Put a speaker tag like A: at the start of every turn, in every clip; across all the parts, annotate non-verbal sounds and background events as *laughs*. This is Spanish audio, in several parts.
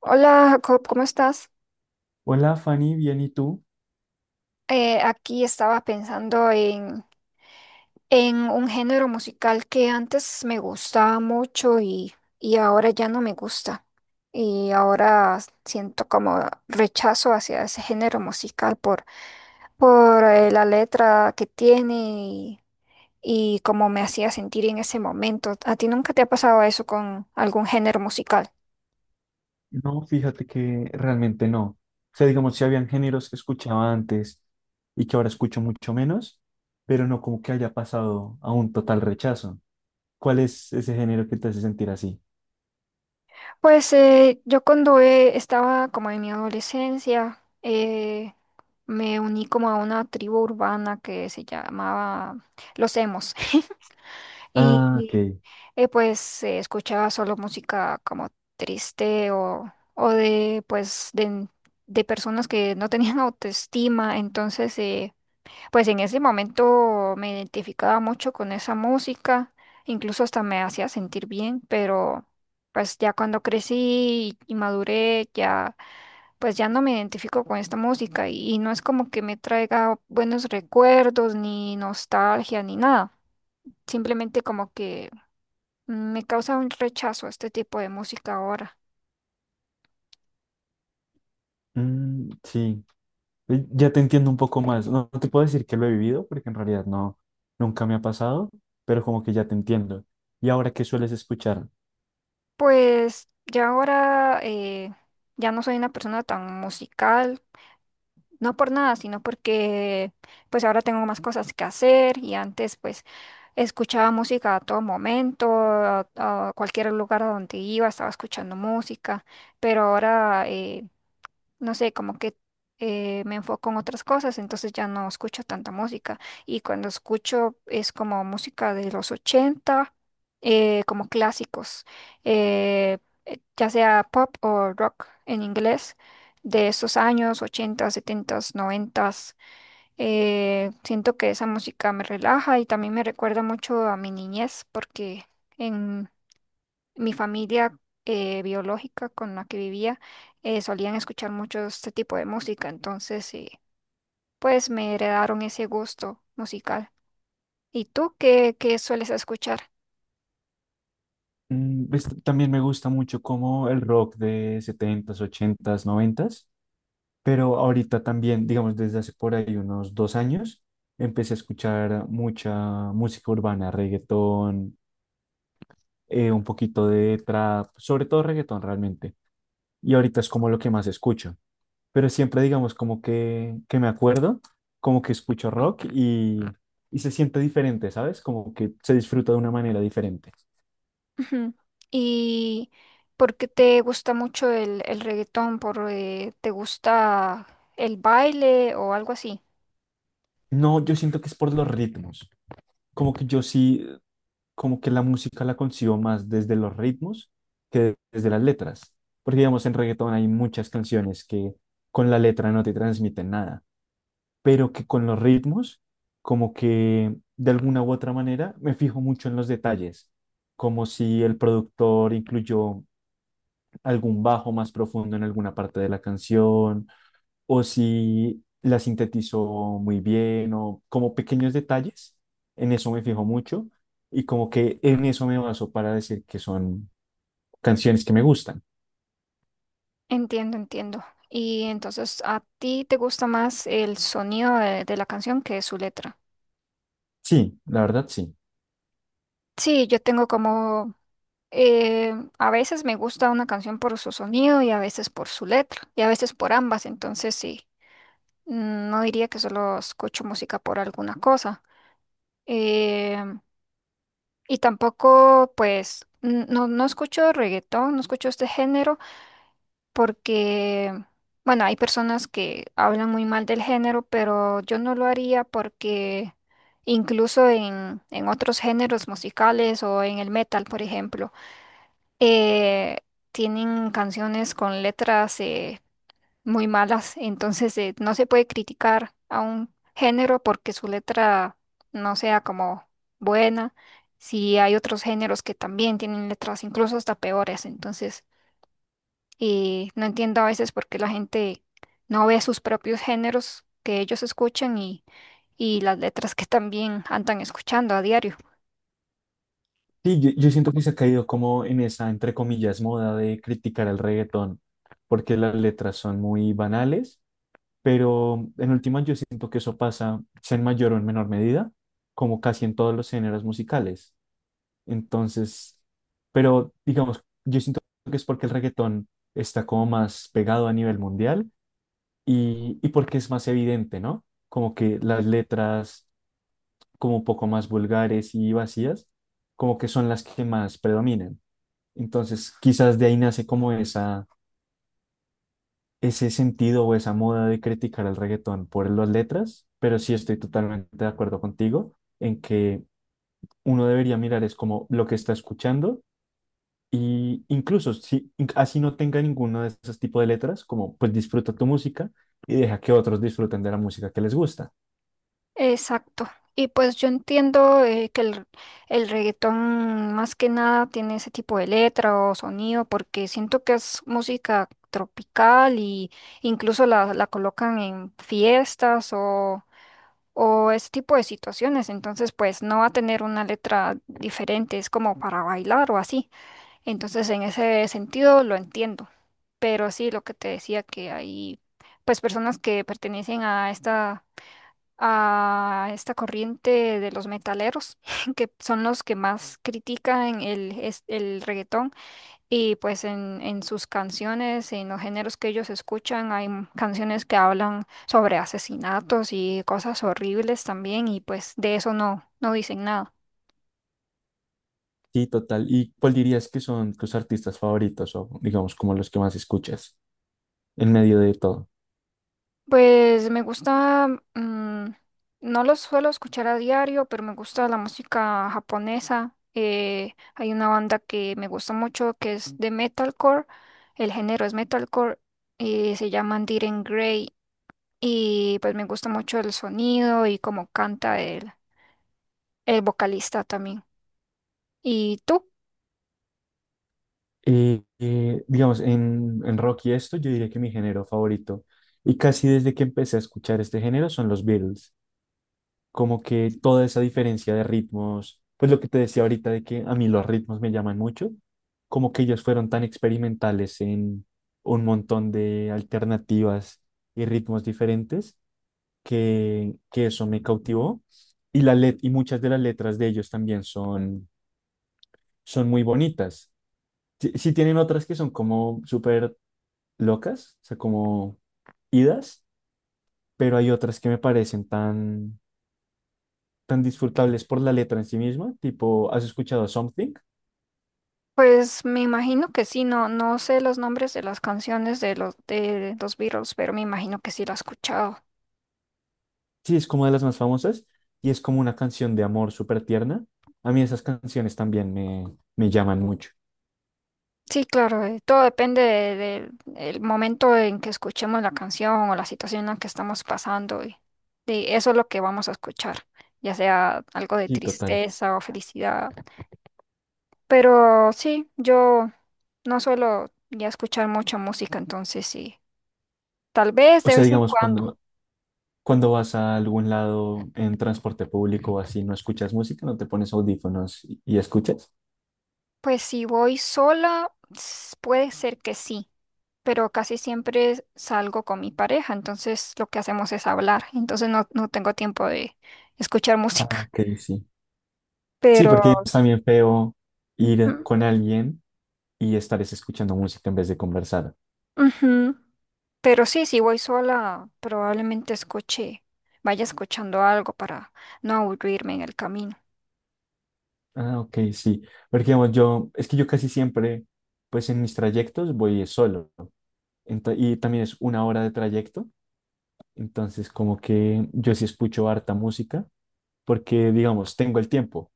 A: Hola Jacob, ¿cómo estás?
B: Hola Fanny, bien, ¿y tú?
A: Aquí estaba pensando en un género musical que antes me gustaba mucho y ahora ya no me gusta. Y ahora siento como rechazo hacia ese género musical por la letra que tiene y cómo me hacía sentir en ese momento. ¿A ti nunca te ha pasado eso con algún género musical?
B: No, fíjate que realmente no. O sea, digamos, si habían géneros que escuchaba antes y que ahora escucho mucho menos, pero no como que haya pasado a un total rechazo. ¿Cuál es ese género que te hace sentir así?
A: Pues yo cuando estaba como en mi adolescencia, me uní como a una tribu urbana que se llamaba Los Emos. *laughs* Y
B: Ah, ok.
A: y, eh, pues se escuchaba solo música como triste o de personas que no tenían *laughs* autoestima. Entonces pues en ese momento me identificaba mucho con esa música, incluso hasta me hacía sentir bien, pero pues ya cuando crecí y maduré, ya pues ya no me identifico con esta música y no es como que me traiga buenos recuerdos, ni nostalgia, ni nada. Simplemente como que me causa un rechazo este tipo de música ahora.
B: Mm, sí, ya te entiendo un poco más. No, no te puedo decir que lo he vivido porque en realidad no, nunca me ha pasado, pero como que ya te entiendo. ¿Y ahora qué sueles escuchar?
A: Pues ya ahora ya no soy una persona tan musical. No por nada, sino porque pues ahora tengo más cosas que hacer y antes pues escuchaba música a todo momento, a cualquier lugar a donde iba, estaba escuchando música, pero ahora no sé, como que me enfoco en otras cosas, entonces ya no escucho tanta música. Y cuando escucho es como música de los 80 como clásicos, eh, ya sea pop o rock en inglés, de esos años 80 70, 90. Siento que esa música me relaja y también me recuerda mucho a mi niñez porque... En, mi familia biológica con la que vivía solían escuchar mucho este tipo de música, entonces pues me heredaron ese gusto musical. ¿Y tú qué sueles escuchar?
B: Pues, también me gusta mucho como el rock de setentas ochentas noventas, pero ahorita también, digamos, desde hace por ahí unos 2 años, empecé a escuchar mucha música urbana, reggaetón, un poquito de trap, sobre todo reggaetón realmente. Y ahorita es como lo que más escucho, pero siempre digamos como que me acuerdo, como que escucho rock y se siente diferente, ¿sabes? Como que se disfruta de una manera diferente.
A: Ujú. ¿Y por qué te gusta mucho el reggaetón? ¿Por, te gusta el baile o algo así?
B: No, yo siento que es por los ritmos, como que yo sí, como que la música la consigo más desde los ritmos que desde las letras. Porque, digamos, en reggaetón hay muchas canciones que con la letra no te transmiten nada, pero que con los ritmos, como que de alguna u otra manera, me fijo mucho en los detalles, como si el productor incluyó algún bajo más profundo en alguna parte de la canción o si la sintetizó muy bien, o como pequeños detalles, en eso me fijo mucho y como que en eso me baso para decir que son canciones que me gustan.
A: Entiendo, entiendo. Y entonces, ¿a ti te gusta más el sonido de la canción que su letra?
B: Sí, la verdad sí.
A: Sí, yo tengo como a veces me gusta una canción por su sonido y a veces por su letra y a veces por ambas, entonces sí, mm, no diría que solo escucho música por alguna cosa. Eh, y tampoco, pues, no escucho reggaetón, no escucho este género porque, bueno, hay personas que hablan muy mal del género, pero yo no lo haría porque incluso en otros géneros musicales o en el metal, por ejemplo. eh, Tienen canciones con letras muy malas, entonces no se puede criticar a un género porque su letra no sea como buena. Si hay otros géneros que también tienen letras incluso hasta peores, entonces no entiendo a veces por qué la gente no ve sus propios géneros que ellos escuchan y las letras que también andan escuchando a diario.
B: Sí, yo siento que se ha caído como en esa, entre comillas, moda de criticar al reggaetón, porque las letras son muy banales, pero en última yo siento que eso pasa, sea en mayor o en menor medida, como casi en todos los géneros musicales. Entonces, pero digamos, yo siento que es porque el reggaetón está como más pegado a nivel mundial y, porque es más evidente, ¿no? Como que las letras como un poco más vulgares y vacías, como que son las que más predominan. Entonces, quizás de ahí nace como esa, ese sentido o esa moda de criticar el reggaetón por las letras, pero sí estoy totalmente de acuerdo contigo en que uno debería mirar es como lo que está escuchando. Y incluso si así no tenga ninguno de esos tipos de letras, como pues disfruta tu música y deja que otros disfruten de la música que les gusta.
A: Exacto. Y pues yo entiendo que el reggaetón más que nada tiene ese tipo de letra o sonido porque siento que es música tropical y incluso la colocan en fiestas o ese tipo de situaciones. Entonces pues no va a tener una letra diferente, es como para bailar o así. Entonces en ese sentido lo entiendo. Pero sí, lo que te decía que hay pues personas que pertenecen a esta corriente de los metaleros, *laughs* que son los que más critican el reggaetón. Y pues en sus canciones, en los géneros que ellos escuchan, hay canciones que hablan sobre asesinatos y cosas horribles también, y pues de eso no dicen nada.
B: Sí, total. ¿Y cuál dirías que son tus artistas favoritos o digamos como los que más escuchas en medio de todo?
A: Pues me gusta, mm, no los suelo escuchar a diario, pero me gusta la música japonesa. Hay una banda que me gusta mucho que es de metalcore, el género es metalcore, y se llaman Diren Grey y pues me gusta mucho el sonido y cómo canta el vocalista también. ¿Y tú?
B: Digamos, en, rock y esto, yo diría que mi género favorito, y casi desde que empecé a escuchar este género, son los Beatles. Como que toda esa diferencia de ritmos, pues lo que te decía ahorita de que a mí los ritmos me llaman mucho, como que ellos fueron tan experimentales en un montón de alternativas y ritmos diferentes que eso me cautivó. Y, y muchas de las letras de ellos también son, muy bonitas. Sí, sí tienen otras que son como súper locas, o sea, como idas, pero hay otras que me parecen tan tan disfrutables por la letra en sí misma, tipo, ¿has escuchado Something?
A: Pues me imagino que sí, no, no sé los nombres de las canciones de los Beatles, pero me imagino que sí la has escuchado.
B: Sí, es como de las más famosas y es como una canción de amor súper tierna. A mí esas canciones también me llaman mucho.
A: Sí, claro, todo depende de- del el momento en que escuchemos la canción o la situación en la que estamos pasando y de eso es lo que vamos a escuchar, ya sea algo de
B: Sí, total.
A: tristeza o felicidad. Pero sí, yo no suelo ya escuchar mucha música, entonces sí, tal vez
B: O
A: de
B: sea,
A: vez en
B: digamos,
A: cuando.
B: cuando vas a algún lado en transporte público o así, no escuchas música, no te pones audífonos y, escuchas.
A: Pues si voy sola, puede ser que sí, pero casi siempre salgo con mi pareja, entonces lo que hacemos es hablar, entonces no tengo tiempo de escuchar
B: Ah,
A: música.
B: ok, sí. Sí,
A: Pero,
B: porque es también feo ir
A: mm,
B: con alguien y estar es escuchando música en vez de conversar.
A: ujú, pero sí, si voy sola, probablemente escuche, vaya escuchando algo para no aburrirme en el camino.
B: Ah, ok, sí. Porque digamos, yo, es que yo casi siempre, pues en mis trayectos voy es solo. Y también es una hora de trayecto. Entonces, como que yo sí escucho harta música, porque, digamos, tengo el tiempo.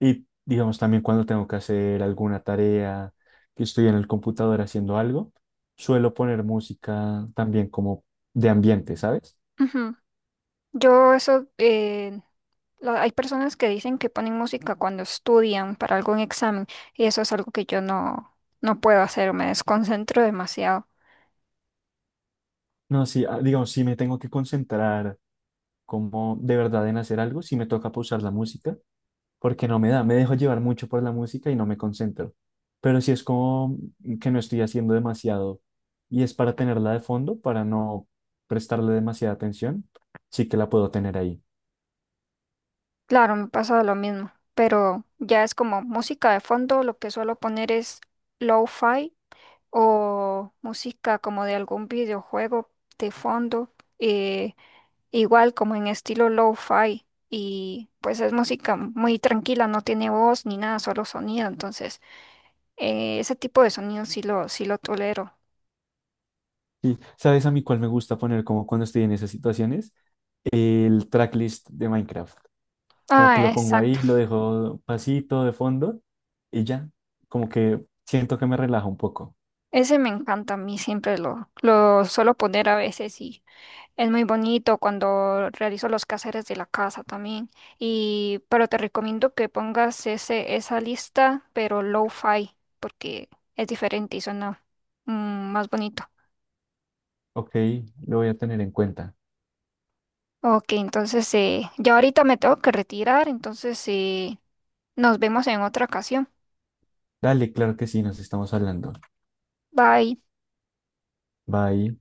B: Y, digamos, también cuando tengo que hacer alguna tarea, que estoy en el computador haciendo algo, suelo poner música también como de ambiente, ¿sabes?
A: Ujú. Yo eso, hay personas que dicen que ponen música cuando estudian para algún examen y eso es algo que yo no puedo hacer, me desconcentro demasiado.
B: No, sí, digamos, si me tengo que concentrar como de verdad en hacer algo, si me toca pausar la música porque no me da, me dejo llevar mucho por la música y no me concentro. Pero si es como que no estoy haciendo demasiado y es para tenerla de fondo, para no prestarle demasiada atención, sí que la puedo tener ahí.
A: Claro, me pasa lo mismo, pero ya es como música de fondo, lo que suelo poner es lo-fi o música como de algún videojuego de fondo, eh, igual como en estilo lo-fi y pues es música muy tranquila, no tiene voz ni nada, solo sonido, entonces ese tipo de sonido sí lo tolero.
B: Y, ¿sabes a mí cuál me gusta poner como cuando estoy en esas situaciones? El tracklist de Minecraft. Como que
A: Ah,
B: lo pongo
A: exacto.
B: ahí, lo dejo pasito de fondo y ya, como que siento que me relaja un poco.
A: Ese me encanta a mí, siempre lo suelo poner a veces y es muy bonito cuando realizo los quehaceres de la casa también. Y, pero te recomiendo que pongas esa lista, pero low-fi, porque es diferente y suena mm, más bonito.
B: Ok, lo voy a tener en cuenta.
A: Ok, entonces yo ahorita me tengo que retirar, entonces nos vemos en otra ocasión.
B: Dale, claro que sí, nos estamos hablando.
A: Bye.
B: Bye.